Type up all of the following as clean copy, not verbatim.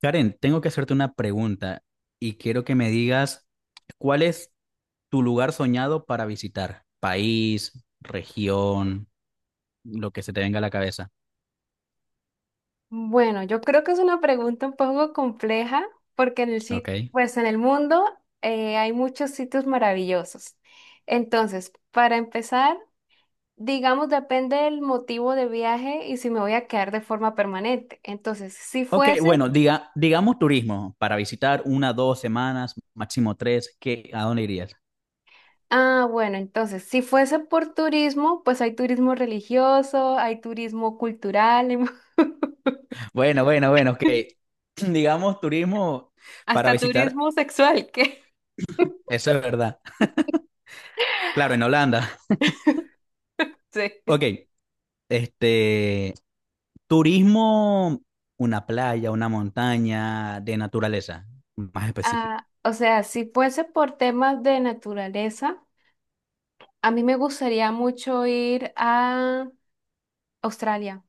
Karen, tengo que hacerte una pregunta y quiero que me digas cuál es tu lugar soñado para visitar, país, región, lo que se te venga a la cabeza, Bueno, yo creo que es una pregunta un poco compleja porque ¿ok? Pues en el mundo hay muchos sitios maravillosos. Entonces, para empezar, digamos, depende del motivo de viaje y si me voy a quedar de forma permanente. Entonces, si Ok, fuese, bueno, digamos turismo, para visitar una, dos semanas, máximo tres, ¿qué, a dónde irías? Bueno, entonces, si fuese por turismo, pues hay turismo religioso, hay turismo cultural, Bueno, bueno, bueno, ok. Digamos turismo para hasta visitar, turismo sexual, que eso es verdad. Claro, en Holanda. sí. Ok, este, turismo, una playa, una montaña de naturaleza, más específico. Ah, o sea, si fuese por temas de naturaleza. A mí me gustaría mucho ir a Australia.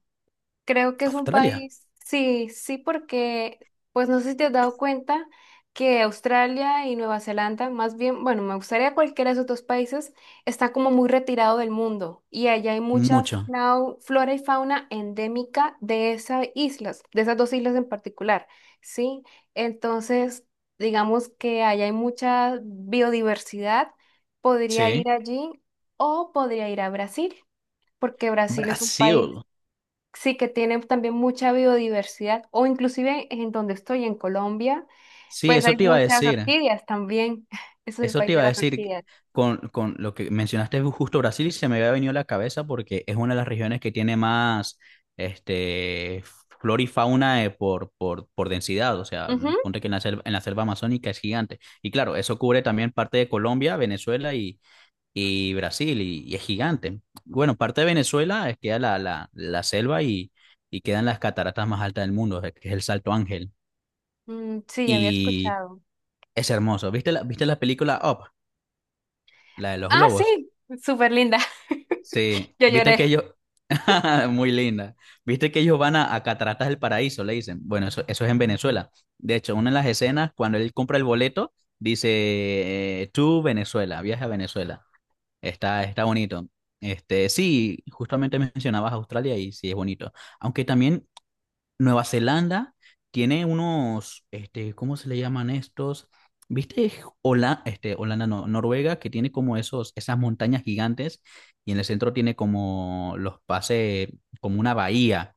Creo que es un Australia, país, sí, sí, porque, pues no sé si te has dado cuenta que Australia y Nueva Zelanda, más bien, bueno, me gustaría cualquiera de esos dos países, está como muy retirado del mundo y allá hay mucha mucho. Flora y fauna endémica de esas islas, de esas dos islas en particular, ¿sí? Entonces, digamos que allá hay mucha biodiversidad, podría Sí. ir allí o podría ir a Brasil, porque Brasil es un país. Brasil. Sí, que tiene también mucha biodiversidad, o inclusive en donde estoy, en Colombia, Sí, pues hay eso te iba a muchas decir. orquídeas también. Es el Eso país te de iba a las decir orquídeas. con lo que mencionaste justo Brasil, se me había venido a la cabeza porque es una de las regiones que tiene más este, flora y fauna por densidad. O sea, Ujú. ponte que en la selva amazónica es gigante. Y claro, eso cubre también parte de Colombia, Venezuela y Brasil, y es gigante. Bueno, parte de Venezuela es que la selva y quedan las cataratas más altas del mundo, que es el Salto Ángel. Mm, sí, había Y escuchado. es hermoso. ¿Viste viste la película Up, la de los Ah, globos? sí, súper linda. Sí, Yo viste que lloré. ellos… Muy linda. ¿Viste que ellos van a Cataratas del Paraíso? Le dicen. Bueno, eso es en Venezuela. De hecho, una de las escenas, cuando él compra el boleto, dice, tú Venezuela, viaja a Venezuela. Está bonito. Este, sí, justamente mencionabas Australia y sí es bonito. Aunque también Nueva Zelanda tiene unos, este, ¿cómo se le llaman estos? ¿Viste? Hola, este, Holanda, no, Noruega, que tiene como esos, esas montañas gigantes y en el centro tiene como los pases, como una bahía.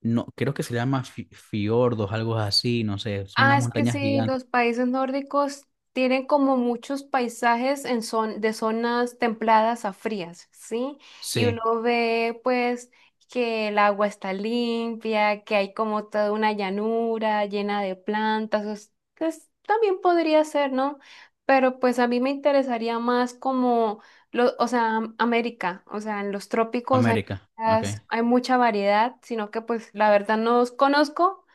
No, creo que se llama fiordos, algo así, no sé, son Ah, unas es que montañas sí, gigantes. los países nórdicos tienen como muchos paisajes en de zonas templadas a frías, ¿sí? Y Sí, uno ve pues que el agua está limpia, que hay como toda una llanura llena de plantas, también podría ser, ¿no? Pero pues a mí me interesaría más como, lo, o sea, América, o sea, en los trópicos hay, América, ok. Hay mucha variedad, sino que pues la verdad no os conozco.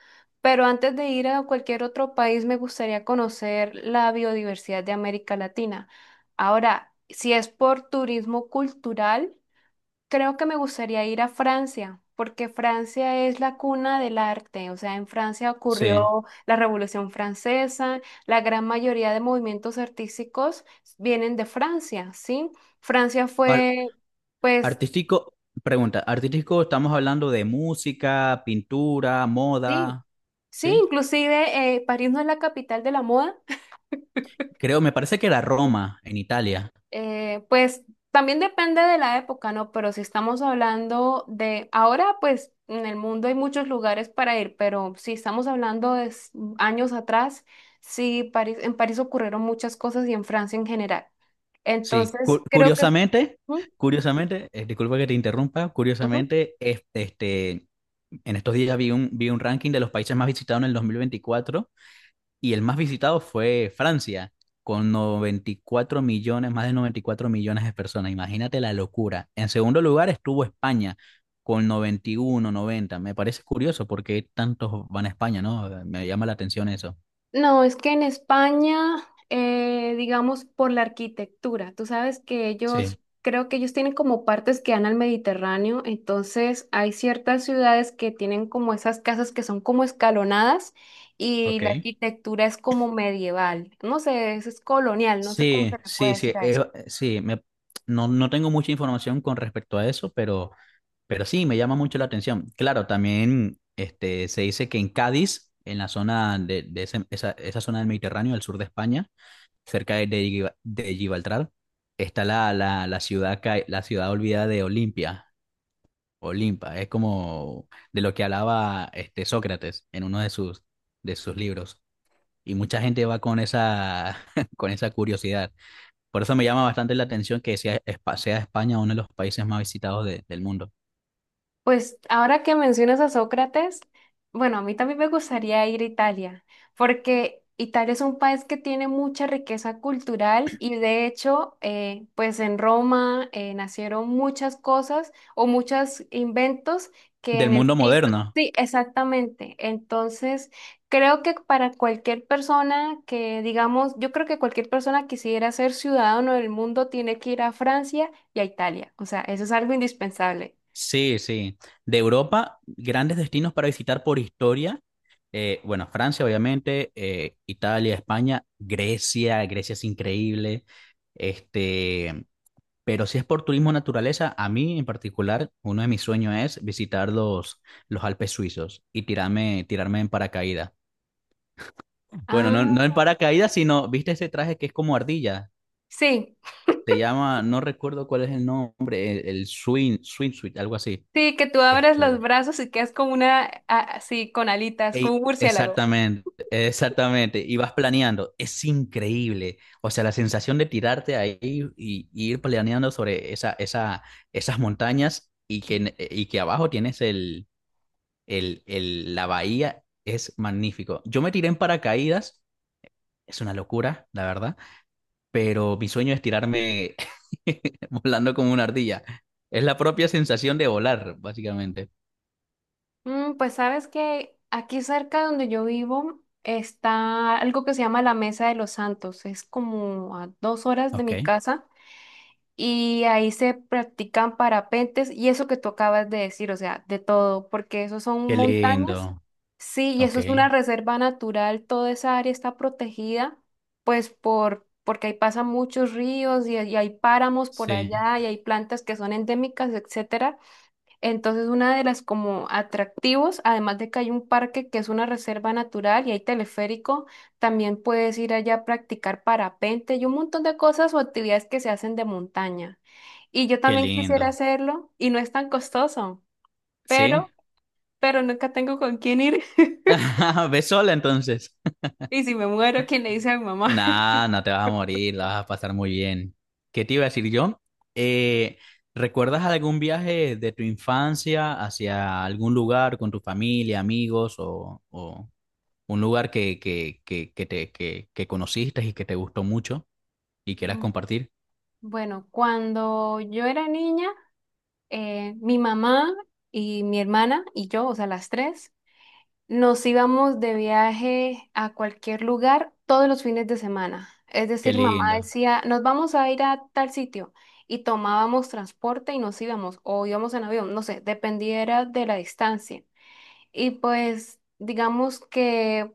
Pero antes de ir a cualquier otro país, me gustaría conocer la biodiversidad de América Latina. Ahora, si es por turismo cultural, creo que me gustaría ir a Francia, porque Francia es la cuna del arte. O sea, en Francia Sí. ocurrió la Revolución Francesa, la gran mayoría de movimientos artísticos vienen de Francia, ¿sí? Francia Par- fue, pues, artístico, pregunta, artístico estamos hablando de música, pintura, sí, moda, sí, ¿sí? inclusive París no es la capital de la moda. Creo, me parece que era Roma, en Italia. Pues también depende de la época, ¿no? Pero si estamos hablando de ahora, pues en el mundo hay muchos lugares para ir, pero si estamos hablando de años atrás, sí, París, en París ocurrieron muchas cosas y en Francia en general. Sí, Entonces, creo que... Ujú, disculpa que te interrumpa, ujú. curiosamente, en estos días vi vi un ranking de los países más visitados en el 2024. Y el más visitado fue Francia, con 94 millones de personas. Imagínate la locura. En segundo lugar estuvo España, con 91,90. Me parece curioso porque tantos van a España, ¿no? Me llama la atención eso. No, es que en España, digamos, por la arquitectura, tú sabes que ellos, Sí, creo que ellos tienen como partes que dan al Mediterráneo, entonces hay ciertas ciudades que tienen como esas casas que son como escalonadas y ok. la arquitectura es como medieval, no sé, eso es colonial, no sé cómo Sí, se le puede sí, sí, decir a eso. sí, me, no, no tengo mucha información con respecto a eso, pero sí, me llama mucho la atención. Claro, también este, se dice que en Cádiz, en la zona de esa zona del Mediterráneo, al sur de España, cerca de de Gibraltar, está la ciudad, la ciudad olvidada de Olimpia. Olimpa, es como de lo que hablaba este Sócrates en uno de sus libros. Y mucha gente va con esa, con esa curiosidad. Por eso me llama bastante la atención que sea, sea España uno de los países más visitados del mundo. Pues ahora que mencionas a Sócrates, bueno, a mí también me gustaría ir a Italia, porque Italia es un país que tiene mucha riqueza cultural y de hecho, pues en Roma nacieron muchas cosas o muchos inventos que Del en el mundo siglo... moderno. Sí, exactamente. Entonces, creo que para cualquier persona que, digamos, yo creo que cualquier persona quisiera ser ciudadano del mundo tiene que ir a Francia y a Italia. O sea, eso es algo indispensable. Sí, sí. De Europa, grandes destinos para visitar por historia. Bueno, Francia, obviamente, Italia, España, Grecia, Grecia es increíble. Este, pero si es por turismo naturaleza, a mí en particular, uno de mis sueños es visitar los Alpes suizos y tirarme en paracaídas. Bueno, no, no en paracaídas, sino, ¿viste ese traje que es como ardilla? Sí, Te llama, no recuerdo cuál es el nombre, el swing, swimsuit, algo así. sí, que tú abres los Este, brazos y quedas como una, así, con alitas, como un Ey, murciélago. exactamente, exactamente. Y vas planeando. Es increíble. O sea, la sensación de tirarte ahí y ir planeando sobre esas montañas y que, y que abajo tienes la bahía es magnífico. Yo me tiré en paracaídas. Es una locura, la verdad. Pero mi sueño es tirarme volando como una ardilla. Es la propia sensación de volar, básicamente. Mm, pues sabes que aquí cerca donde yo vivo está algo que se llama la Mesa de los Santos. Es como a 2 horas de Ok. mi casa. Y ahí se practican parapentes y eso que tú acabas de decir, o sea, de todo, porque eso son Qué montañas, lindo. sí, y Ok. eso es una reserva natural, toda esa área está protegida, pues porque ahí pasan muchos ríos y hay páramos por Sí. allá y hay plantas que son endémicas, etcétera. Entonces, una de las como atractivos, además de que hay un parque que es una reserva natural y hay teleférico, también puedes ir allá a practicar parapente y un montón de cosas o actividades que se hacen de montaña. Y yo Qué también quisiera lindo. hacerlo y no es tan costoso, ¿Sí? pero, pero nunca tengo con quién ir. Ve sola entonces. Y si me muero, ¿quién le dice a mi mamá? Nah, no te vas a morir, la vas a pasar muy bien. ¿Qué te iba a decir yo? Eh, ¿Recuerdas algún viaje de tu infancia hacia algún lugar con tu familia, amigos o un lugar que conociste y que te gustó mucho y quieras Mm, compartir? bueno, cuando yo era niña, mi mamá y mi hermana y yo, o sea, las tres, nos íbamos de viaje a cualquier lugar todos los fines de semana. Es Qué decir, mamá lindo. decía, nos vamos a ir a tal sitio y tomábamos transporte y nos íbamos o íbamos en avión, no sé, dependiera de la distancia. Y pues digamos que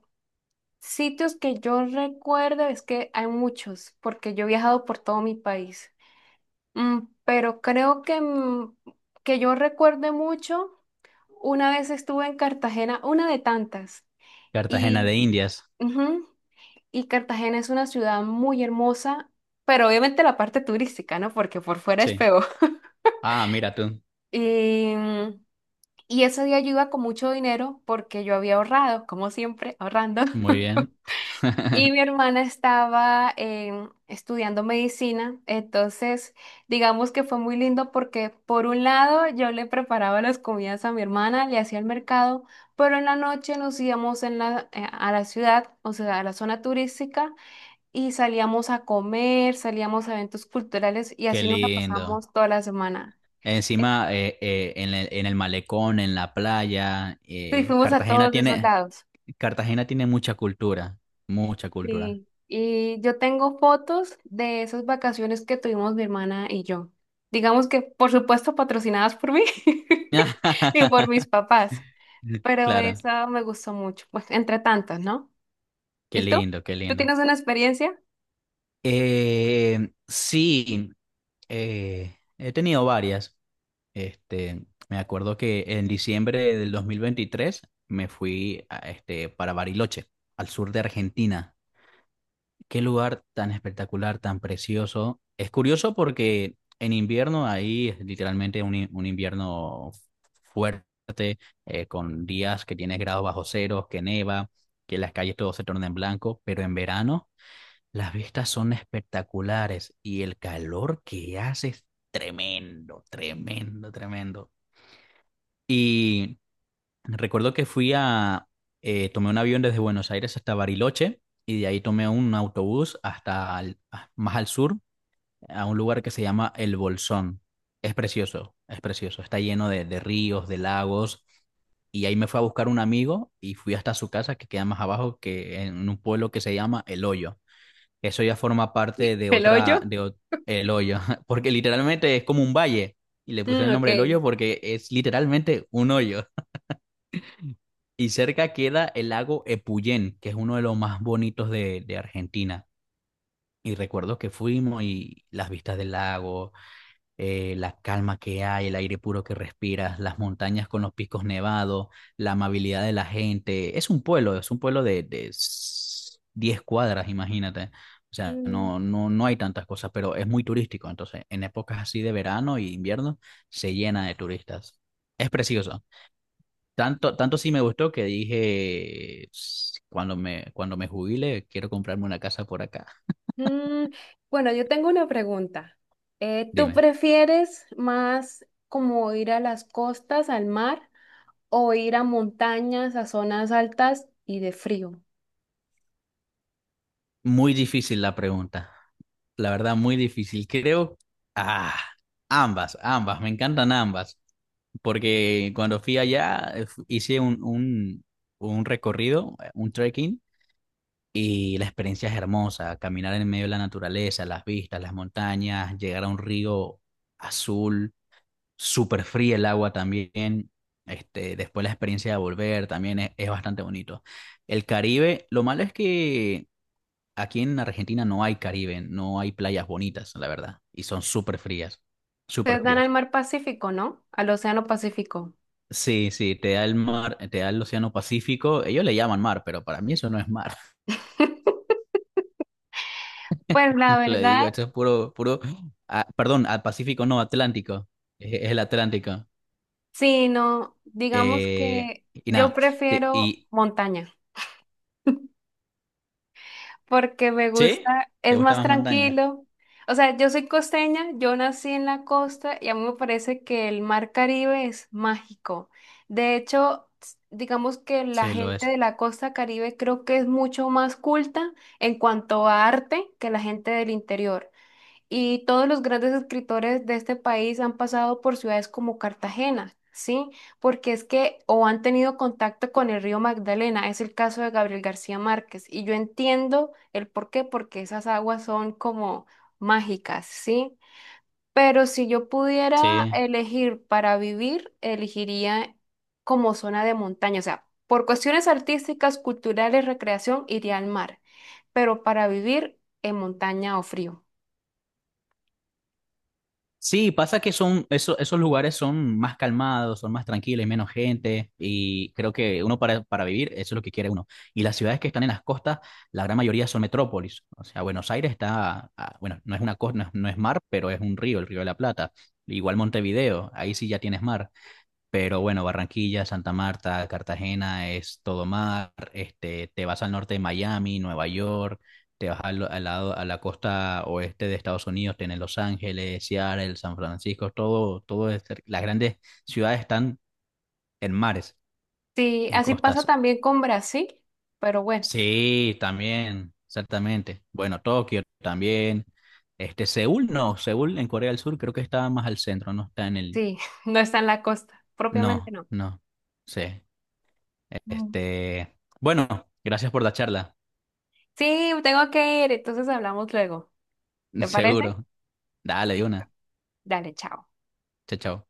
sitios que yo recuerdo es que hay muchos, porque yo he viajado por todo mi país. Mm, pero creo que, mm, que yo recuerde mucho, una vez estuve en Cartagena, una de tantas. Cartagena Y de Indias. ujú. Y Cartagena es una ciudad muy hermosa, pero obviamente la parte turística, ¿no? Porque por fuera es Sí. peor. Ah, mira tú. Y, y ese día yo iba con mucho dinero porque yo había ahorrado, como siempre, ahorrando. Muy bien. Y mi hermana estaba estudiando medicina, entonces digamos que fue muy lindo porque por un lado yo le preparaba las comidas a mi hermana, le hacía el mercado, pero en la noche nos íbamos en la, a la ciudad, o sea, a la zona turística y salíamos a comer, salíamos a eventos culturales y Qué así nos la lindo. pasamos toda la semana. Eh, Encima, en en el malecón, en la playa, Sí, fuimos a todos esos lados. Cartagena tiene mucha cultura, mucha cultura. Sí. Y yo tengo fotos de esas vacaciones que tuvimos mi hermana y yo. Digamos que, por supuesto, patrocinadas por mí y por mis papás, pero Claro, esa me gustó mucho, pues, entre tantas, ¿no? qué ¿Y tú? lindo, qué ¿Tú lindo. tienes una experiencia? Sí, he tenido varias. Este, me acuerdo que en diciembre del 2023 me fui para Bariloche, al sur de Argentina. Qué lugar tan espectacular, tan precioso. Es curioso porque en invierno ahí es literalmente un invierno fuerte, con días que tienes grados bajo cero, que neva, que las calles todo se torna en blanco, pero en verano las vistas son espectaculares y el calor que hace es tremendo, tremendo, tremendo. Y recuerdo que tomé un avión desde Buenos Aires hasta Bariloche y de ahí tomé un autobús hasta más al sur, a un lugar que se llama El Bolsón. Es precioso, es precioso. Está lleno de ríos, de lagos y ahí me fue a buscar un amigo y fui hasta su casa que queda más abajo que en un pueblo que se llama El Hoyo. Eso ya forma parte de ¿El hoyo? otra, El Hoyo, porque literalmente es como un valle y le pusieron Mm, el nombre El Hoyo porque es literalmente un hoyo. Y cerca queda el lago Epuyén, que es uno de los más bonitos de Argentina. Y recuerdo que fuimos y las vistas del lago, la calma que hay, el aire puro que respiras, las montañas con los picos nevados, la amabilidad de la gente. Es un pueblo de 10 cuadras, imagínate. O sea, no, ok. no, no hay tantas cosas, pero es muy turístico. Entonces, en épocas así de verano y invierno, se llena de turistas. Es precioso. Tanto, tanto sí me gustó que dije, "S- cuando me jubile, quiero comprarme una casa por acá". Mm, bueno, yo tengo una pregunta. ¿Tú Dime. prefieres más como ir a las costas, al mar, o ir a montañas, a zonas altas y de frío? Muy difícil la pregunta. La verdad, muy difícil. Creo, ah, ambas, ambas, me encantan ambas. Porque cuando fui allá, hice un recorrido, un trekking, y la experiencia es hermosa. Caminar en medio de la naturaleza, las vistas, las montañas, llegar a un río azul, súper fría el agua también. Este, después la experiencia de volver también es bastante bonito. El Caribe, lo malo es que aquí en Argentina no hay Caribe, no hay playas bonitas, la verdad, y son súper frías, súper Ustedes dan al frías. mar Pacífico, ¿no? Al Océano Pacífico. Sí, sí, te da el mar, te da el océano Pacífico, ellos le llaman mar, pero para mí eso no es mar. Pues la Le verdad, digo, esto es puro, puro, ah, perdón, al Pacífico no, Atlántico, es el Atlántico. sí, no, digamos que Y yo nada, te- prefiero y, montaña. Porque me ¿sí? gusta, ¿Te es gusta más más montaña? tranquilo. O sea, yo soy costeña, yo nací en la costa y a mí me parece que el mar Caribe es mágico. De hecho, digamos que la Sí, lo gente de es. la costa Caribe creo que es mucho más culta en cuanto a arte que la gente del interior. Y todos los grandes escritores de este país han pasado por ciudades como Cartagena, ¿sí? Porque es que o han tenido contacto con el río Magdalena, es el caso de Gabriel García Márquez. Y yo entiendo el por qué, porque esas aguas son como mágicas, ¿sí? Pero si yo pudiera Sí. elegir para vivir, elegiría como zona de montaña, o sea, por cuestiones artísticas, culturales, recreación, iría al mar, pero para vivir en montaña o frío. Sí, pasa que son, esos lugares son más calmados, son más tranquilos, hay menos gente y creo que uno para vivir, eso es lo que quiere uno. Y las ciudades que están en las costas, la gran mayoría son metrópolis. O sea, Buenos Aires está, ah, bueno, no es una costa, no es mar, pero es un río, el Río de la Plata. Igual Montevideo, ahí sí ya tienes mar. Pero bueno, Barranquilla, Santa Marta, Cartagena es todo mar. Este, te vas al norte de Miami, Nueva York, te vas a la costa oeste de Estados Unidos, tienes Los Ángeles, Seattle, San Francisco, todo, todo es las grandes ciudades están en mares, Sí, en así pasa costas. también con Brasil, pero bueno, Sí, también, exactamente. Bueno, Tokio también. Este, Seúl no, Seúl en Corea del Sur creo que está más al centro, no está en el. sí, no está en la costa, propiamente No, no. no. Sí. Mm. Este, bueno, gracias por la charla, Sí, tengo que ir, entonces hablamos luego. ¿Te parece? seguro. Dale, de Listo. una. Dale, chao. Chao, chao.